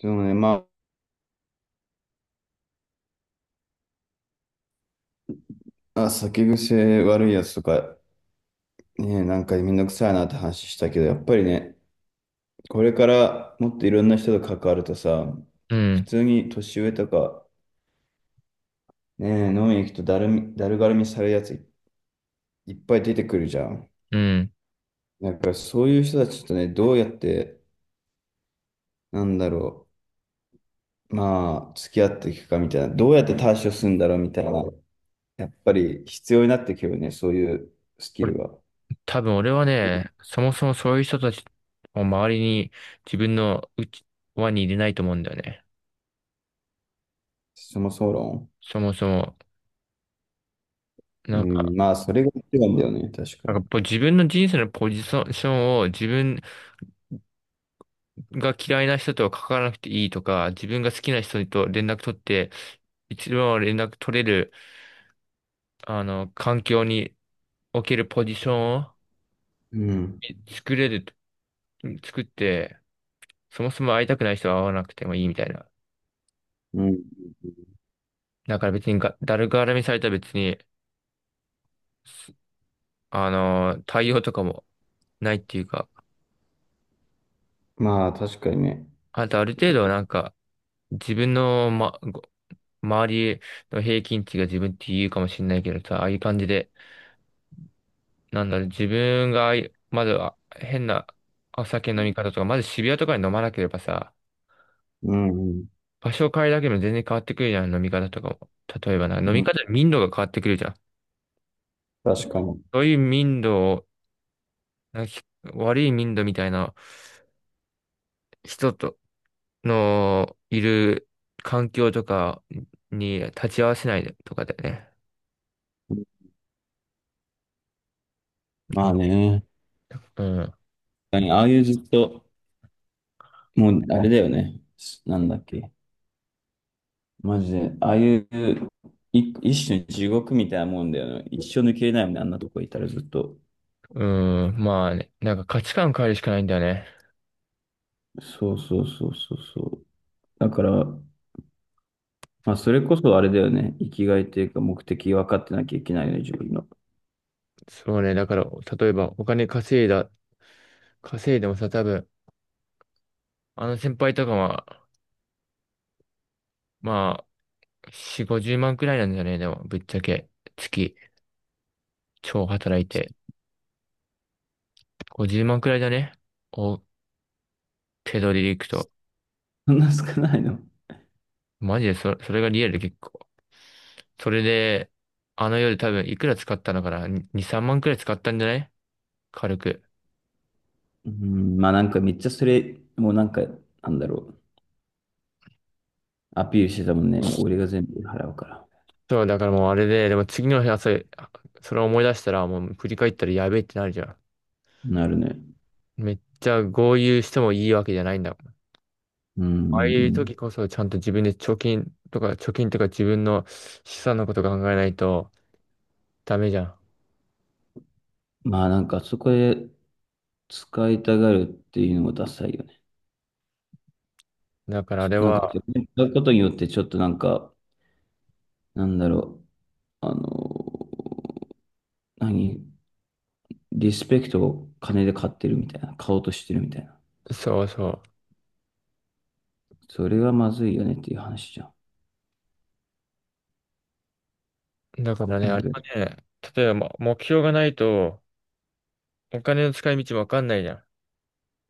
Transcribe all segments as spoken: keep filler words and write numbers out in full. でもね、まあ、酒癖悪いやつとか、ね、なんかめんどくさいなって話したけど、やっぱりね、これからもっといろんな人と関わるとさ、う普ん、通に年上とか、ね、飲みに行くとだるみ、だるがるみされるやついっぱい出てくるじゃん。うん。だからそういう人たちとね、どうやって、なんだろう、まあ、付き合っていくかみたいな、どうやって対処するんだろうみたいな、やっぱり必要になってくるよね、そういうスキこれルが。多分俺はね、そもそもそういう人たちを周りに自分のうち輪に入れないと思うんだよね。そもそも論。そもそも。うなんか、ん、まあ、それが一番だよね、確かなに。んかぽ自分の人生のポジションを、自分が嫌いな人とは関わらなくていいとか、自分が好きな人と連絡取って、一番連絡取れる、あの、環境におけるポジションをうん。作れる、作って、そもそも会いたくない人は会わなくてもいいみたいな。うん。だから別にが、誰絡みされたら、別にあのー、対応とかもないっていうか、まあ、確かにね。あとある程と度なんか、自分の、ま、ご周りの平均値が自分って言うかもしれないけどさ、ああいう感じで、なんだろう、自分がああいう、まずは変なお酒の飲み方とか、まず渋谷とかに飲まなければさ、うん、うん、場所を変えるだけでも全然変わってくるじゃん、飲み方とかも。例えばな、飲うみん。方、民度が変わってくるじゃん。確かに。そういう民度を、なんかひ悪い民度みたいな人と、のいる環境とかに立ち会わせないとかだよね。まああね。うん。確かにああいうずっと、もう、あれだよね。なんだっけ。マジで。ああいう、い一種の地獄みたいなもんだよね。一生抜けれないもんね、あんなとこいたらずっと。うん。まあね、なんか価値観変えるしかないんだよね。そうそうそうそうそう。だから、まあ、それこそあれだよね。生きがいというか、目的分かってなきゃいけないよね、自分の。そうね。だから、例えばお金稼いだ、稼いでもさ、多分、あの先輩とかは、まあ、し、ごじゅうまんくらいなんだよね。でも、ぶっちゃけ、月、超働いて。ごじゅうまんくらいだね。お、手取りでいくと。そんな少ないの？マジでそ、それがリアルで結構。それで、あの夜多分いくら使ったのかな？ に、さんまんくらい使ったんじゃない、軽く。うん、まあなんかめっちゃそれ、もうなんか、なんだろう。アピールしてたもんね。もう俺が全部払うから。そう、だからもうあれで、でも次の日朝、それを思い出したら、もう振り返ったらやべえってなるじゃん。なるね。めっちゃ豪遊してもいいわけじゃないんだもん。うんあうあいうん時こそちゃんと自分で貯金とか、貯金とか自分の資産のこと考えないとダメじゃうん。まあなんかそこで使いたがるっていうのもダサいよね。ん。だからあれなんかそれは、使うことによってちょっとなんか、なんだろう。あのー何リスペクトを金で買ってるみたいな。買おうとしてるみたいな。そうそそれはまずいよねっていう話じゃん。う。だからね、なあんれかはね、例えばま目標がないと、お金の使い道もわかんないじゃ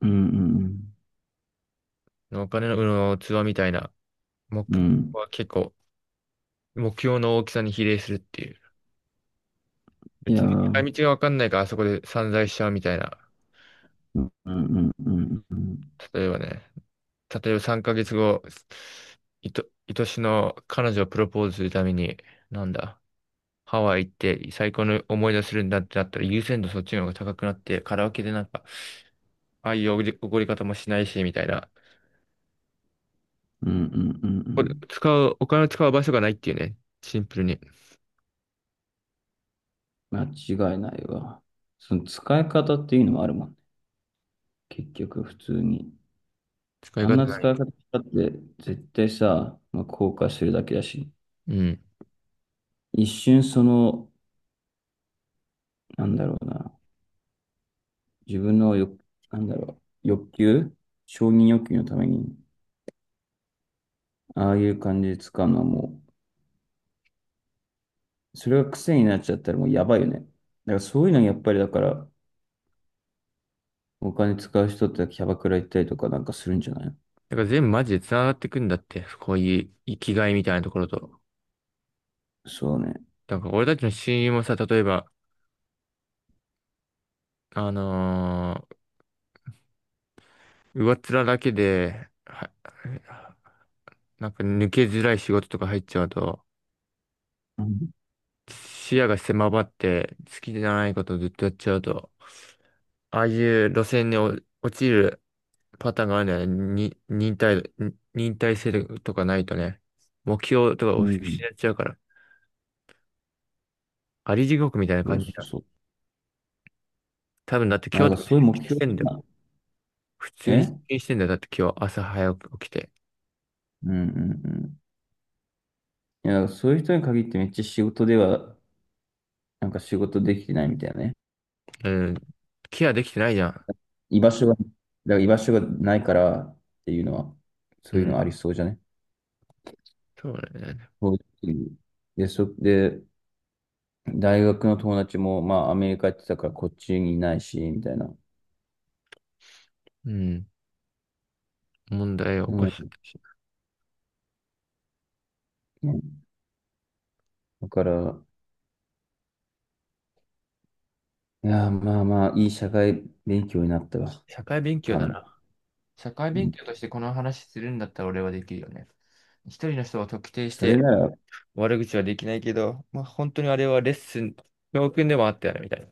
うんうんん。お金の、うん、器みたいな。目うん。うん。は結構、目標の大きさに比例するっていう。い別やに使ー、い道がわかんないからあそこで散財しちゃうみたいな。うんうんうんうんうん。例えばね、例えばさんかげつご、いと、愛しの彼女をプロポーズするために、なんだ、ハワイ行って最高の思い出するんだってなったら、優先度そっちの方が高くなって、カラオケでなんか、ああいうおごり、おごり方もしないし、みたいな。うんうんうんうこれん。使う、お金を使う場所がないっていうね。シンプルに。間違いないわ。その使い方っていうのもあるもんね。結局、普通に。使いあんな方な使い。い方だって絶対さ、まあ、後悔するだけだし、うん。一瞬その、なんだろうな、自分の欲、なんだろう、欲求承認欲求のために、ああいう感じで使うのはもう、それが癖になっちゃったらもうやばいよね。だからそういうのやっぱりだから、お金使う人ってキャバクラ行ったりとかなんかするんじゃない？だから全部マジで繋がってくんだって。こういう生きがいみたいなところと。そうね。だから俺たちの親友もさ、例えば、あのー上っ面だけで、は、なんか抜けづらい仕事とか入っちゃうと、うん、視野が狭まって、好きじゃないことをずっとやっちゃうと、ああいう路線にお落ちるパターンがあるんだよね。に、忍耐、に忍耐性とかないとね、目標とかをう失んっちゃうから、あり地獄みたいなそう感そじうだ。そう。多分だってまあ今なん日かとか出そういう目勤し標てんだよ。が、普えう通に出ん勤してんだよ。だって今日朝早く起きて。うんうん。いや、そういう人に限ってめっちゃ仕事では、なんか仕事できてないみたいなね。うん。ケアできてないじゃん。居場所が、だから居場所がないからっていうのは、うそういうん。のありそうじゃね。そうだよね。そういうで、そ、で、大学の友達も、まあ、アメリカ行ってたからこっちにいないし、みたいな。うん。問題を起こうしたかん。もしれない。だから、いや、まあまあ、いい社会勉強になったわ。社会勉強かだなり。な。社会う勉ん。強としてこの話するんだったら俺はできるよね。一人の人を特定しそれてなら、悪口はできないけど、まあ本当にあれはレッスン、教訓でもあったよね、みたいな。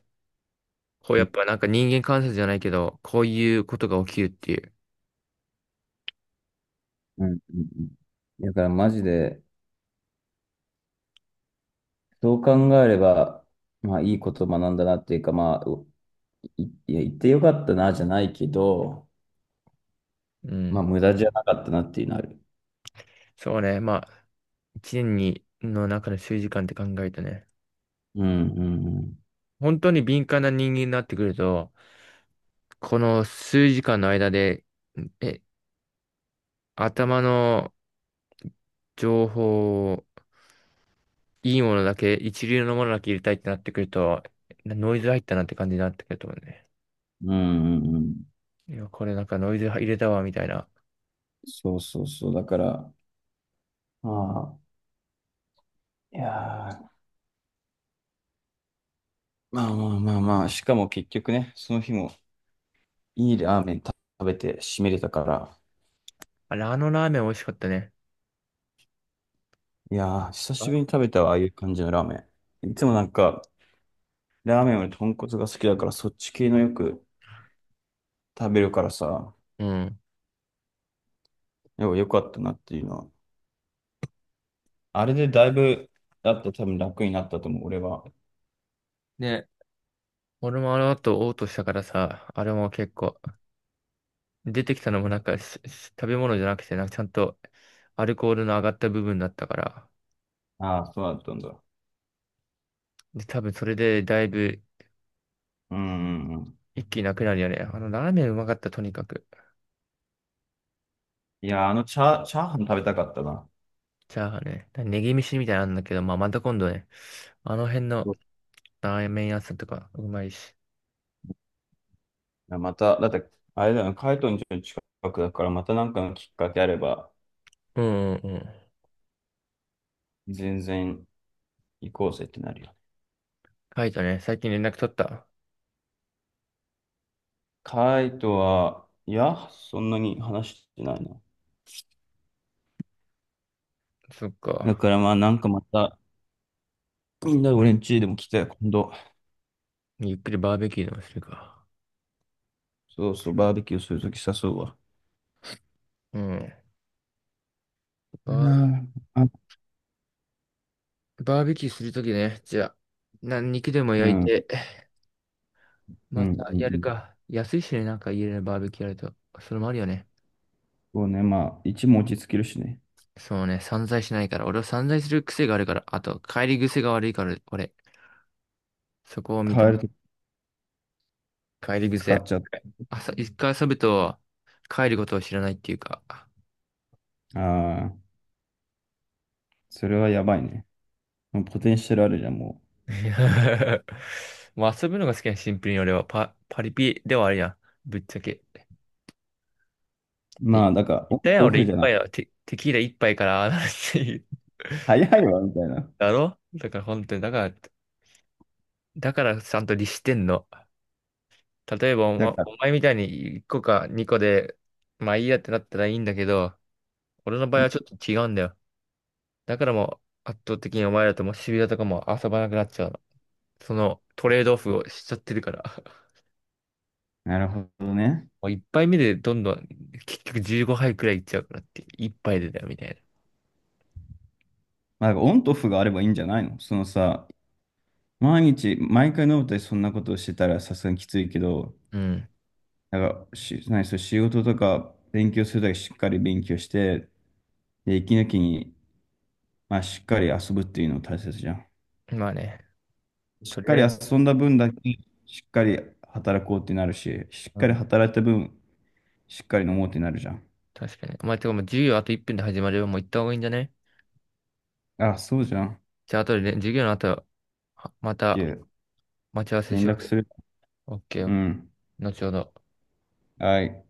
こううやっん、ぱなんか人間観察じゃないけど、こういうことが起きるっていう。うん、うん。うん。だからマジで、そう考えれば、まあ、いいこと学んだなっていうか、まあ、い、いや、言ってよかったな、じゃないけど、うまあ、ん。無駄じゃなかったなっていうのある。そうね。まあ、一年にの中の数時間って考えるとね、うん、うん、うん。本当に敏感な人間になってくると、この数時間の間で、え、頭の情報、いいものだけ、一流のものだけ入れたいってなってくると、ノイズ入ったなって感じになってくると思うね。うん、うん、うん。いや、これなんかノイズ入れたわ、みたいな。そうそうそう。だから、まあ、いやーまあまあまあまあ、しかも結局ね、その日もいいラーメン食べて締めれたから、あれ、あのラーメン美味しかったね。いやー、久しぶりあに食べたわ、ああいう感じのラーメン。いつもなんか、ラーメンより豚骨が好きだから、そっち系のよく食べるからさ、うん。よよかったなっていうのはあれでだいぶ、だって多分楽になったと思う、俺は。ね。俺もあの後嘔吐したからさ、あれも結構、出てきたのもなんかしし食べ物じゃなくて、なんかちゃんとアルコールの上がった部分だったから、ああ、そうだったんだ。で、多分それでだいぶうんうんうん。一気になくなるよね。あのラーメンうまかった、とにかく。いや、あのチャー、チャーハン食べたかったな。チャーハンね。ネギ飯みたいなのあるんだけど、まあ、また今度ね、あの辺のそうラーメン屋さんとかうまいし。いやまた、だって、あれだよねカイトの家の近くだから、またなんかのきっかけあれば、うんうんうん。全然行こうぜってなるよね。カイトね、最近連絡取った。カイトは、いや、そんなに話してないな。そっだか。からまあ、なんかまた、みんな俺ん家でも来て、今度、ゆっくりバーベキューでもするか。そうそう、バーベキューするとき誘うわ。うん。うバん、あー、バーベキューするときね、じゃあ、な、肉でもう焼いん、うん、て、うまん。たうやるん。か。安いしね、なんか家でねバーベキューやると。それもあるよね。そうね、まあ、一も落ち着けるしね。そうね、散財しないから。俺は散財する癖があるから。あと、帰り癖が悪いから、俺。そこを認変えめると帰り使っ癖。ちゃう。朝、一回遊ぶと帰ることを知らないっていうか。ああ、それはやばいね。もうポテンシャルあるじゃん、もいや まあ遊ぶのが好きな、シンプルに俺はパ、パリピではあるやん。ぶっちゃけ。う。で、まあ、いだから、オ言っンたやとん、オ俺フ一じゃない。杯はテ、テキーラ一杯からああなるっていう。早いわ、みたいな。だろだから本当に、だから、だからちゃんと律してんの。例えばお、だま、から、お前みたいにいっこかにこで、まあいいやってなったらいいんだけど、俺の場う合ん、はちょっと違うんだよ。だからもう圧倒的にお前らともシビラとかも遊ばなくなっちゃうの。そのトレードオフをしちゃってるから。なるほどね。もう一杯目でどんどん結局じゅうごはいくらいいっちゃうからって、一杯でだよみたいまあ、だからオンとオフがあればいいんじゃないのそのさ、毎日、毎回飲むとそんなことをしてたらさすがにきついけど、な。うなんか、し、何、そう、仕事とか勉強するだけしっかり勉強して、で、息抜きに、まあ、しっかり遊ぶっていうの大切じゃん。ん。まあね、しとっりかありえず、遊んだ分だけ、しっかり働こうってなるし、しっうかりん、働いた分、しっかり飲もうってなるじゃん。確かに。お前、てかもう授業あといっぷんで始まるよ。もう行った方がいいんじゃね？あ、そうじゃん。オッじゃあ、後でね、授業の後、はまケたー、待ち合わせし連よ絡う。する。オッケうー、ん。後ほど。はい。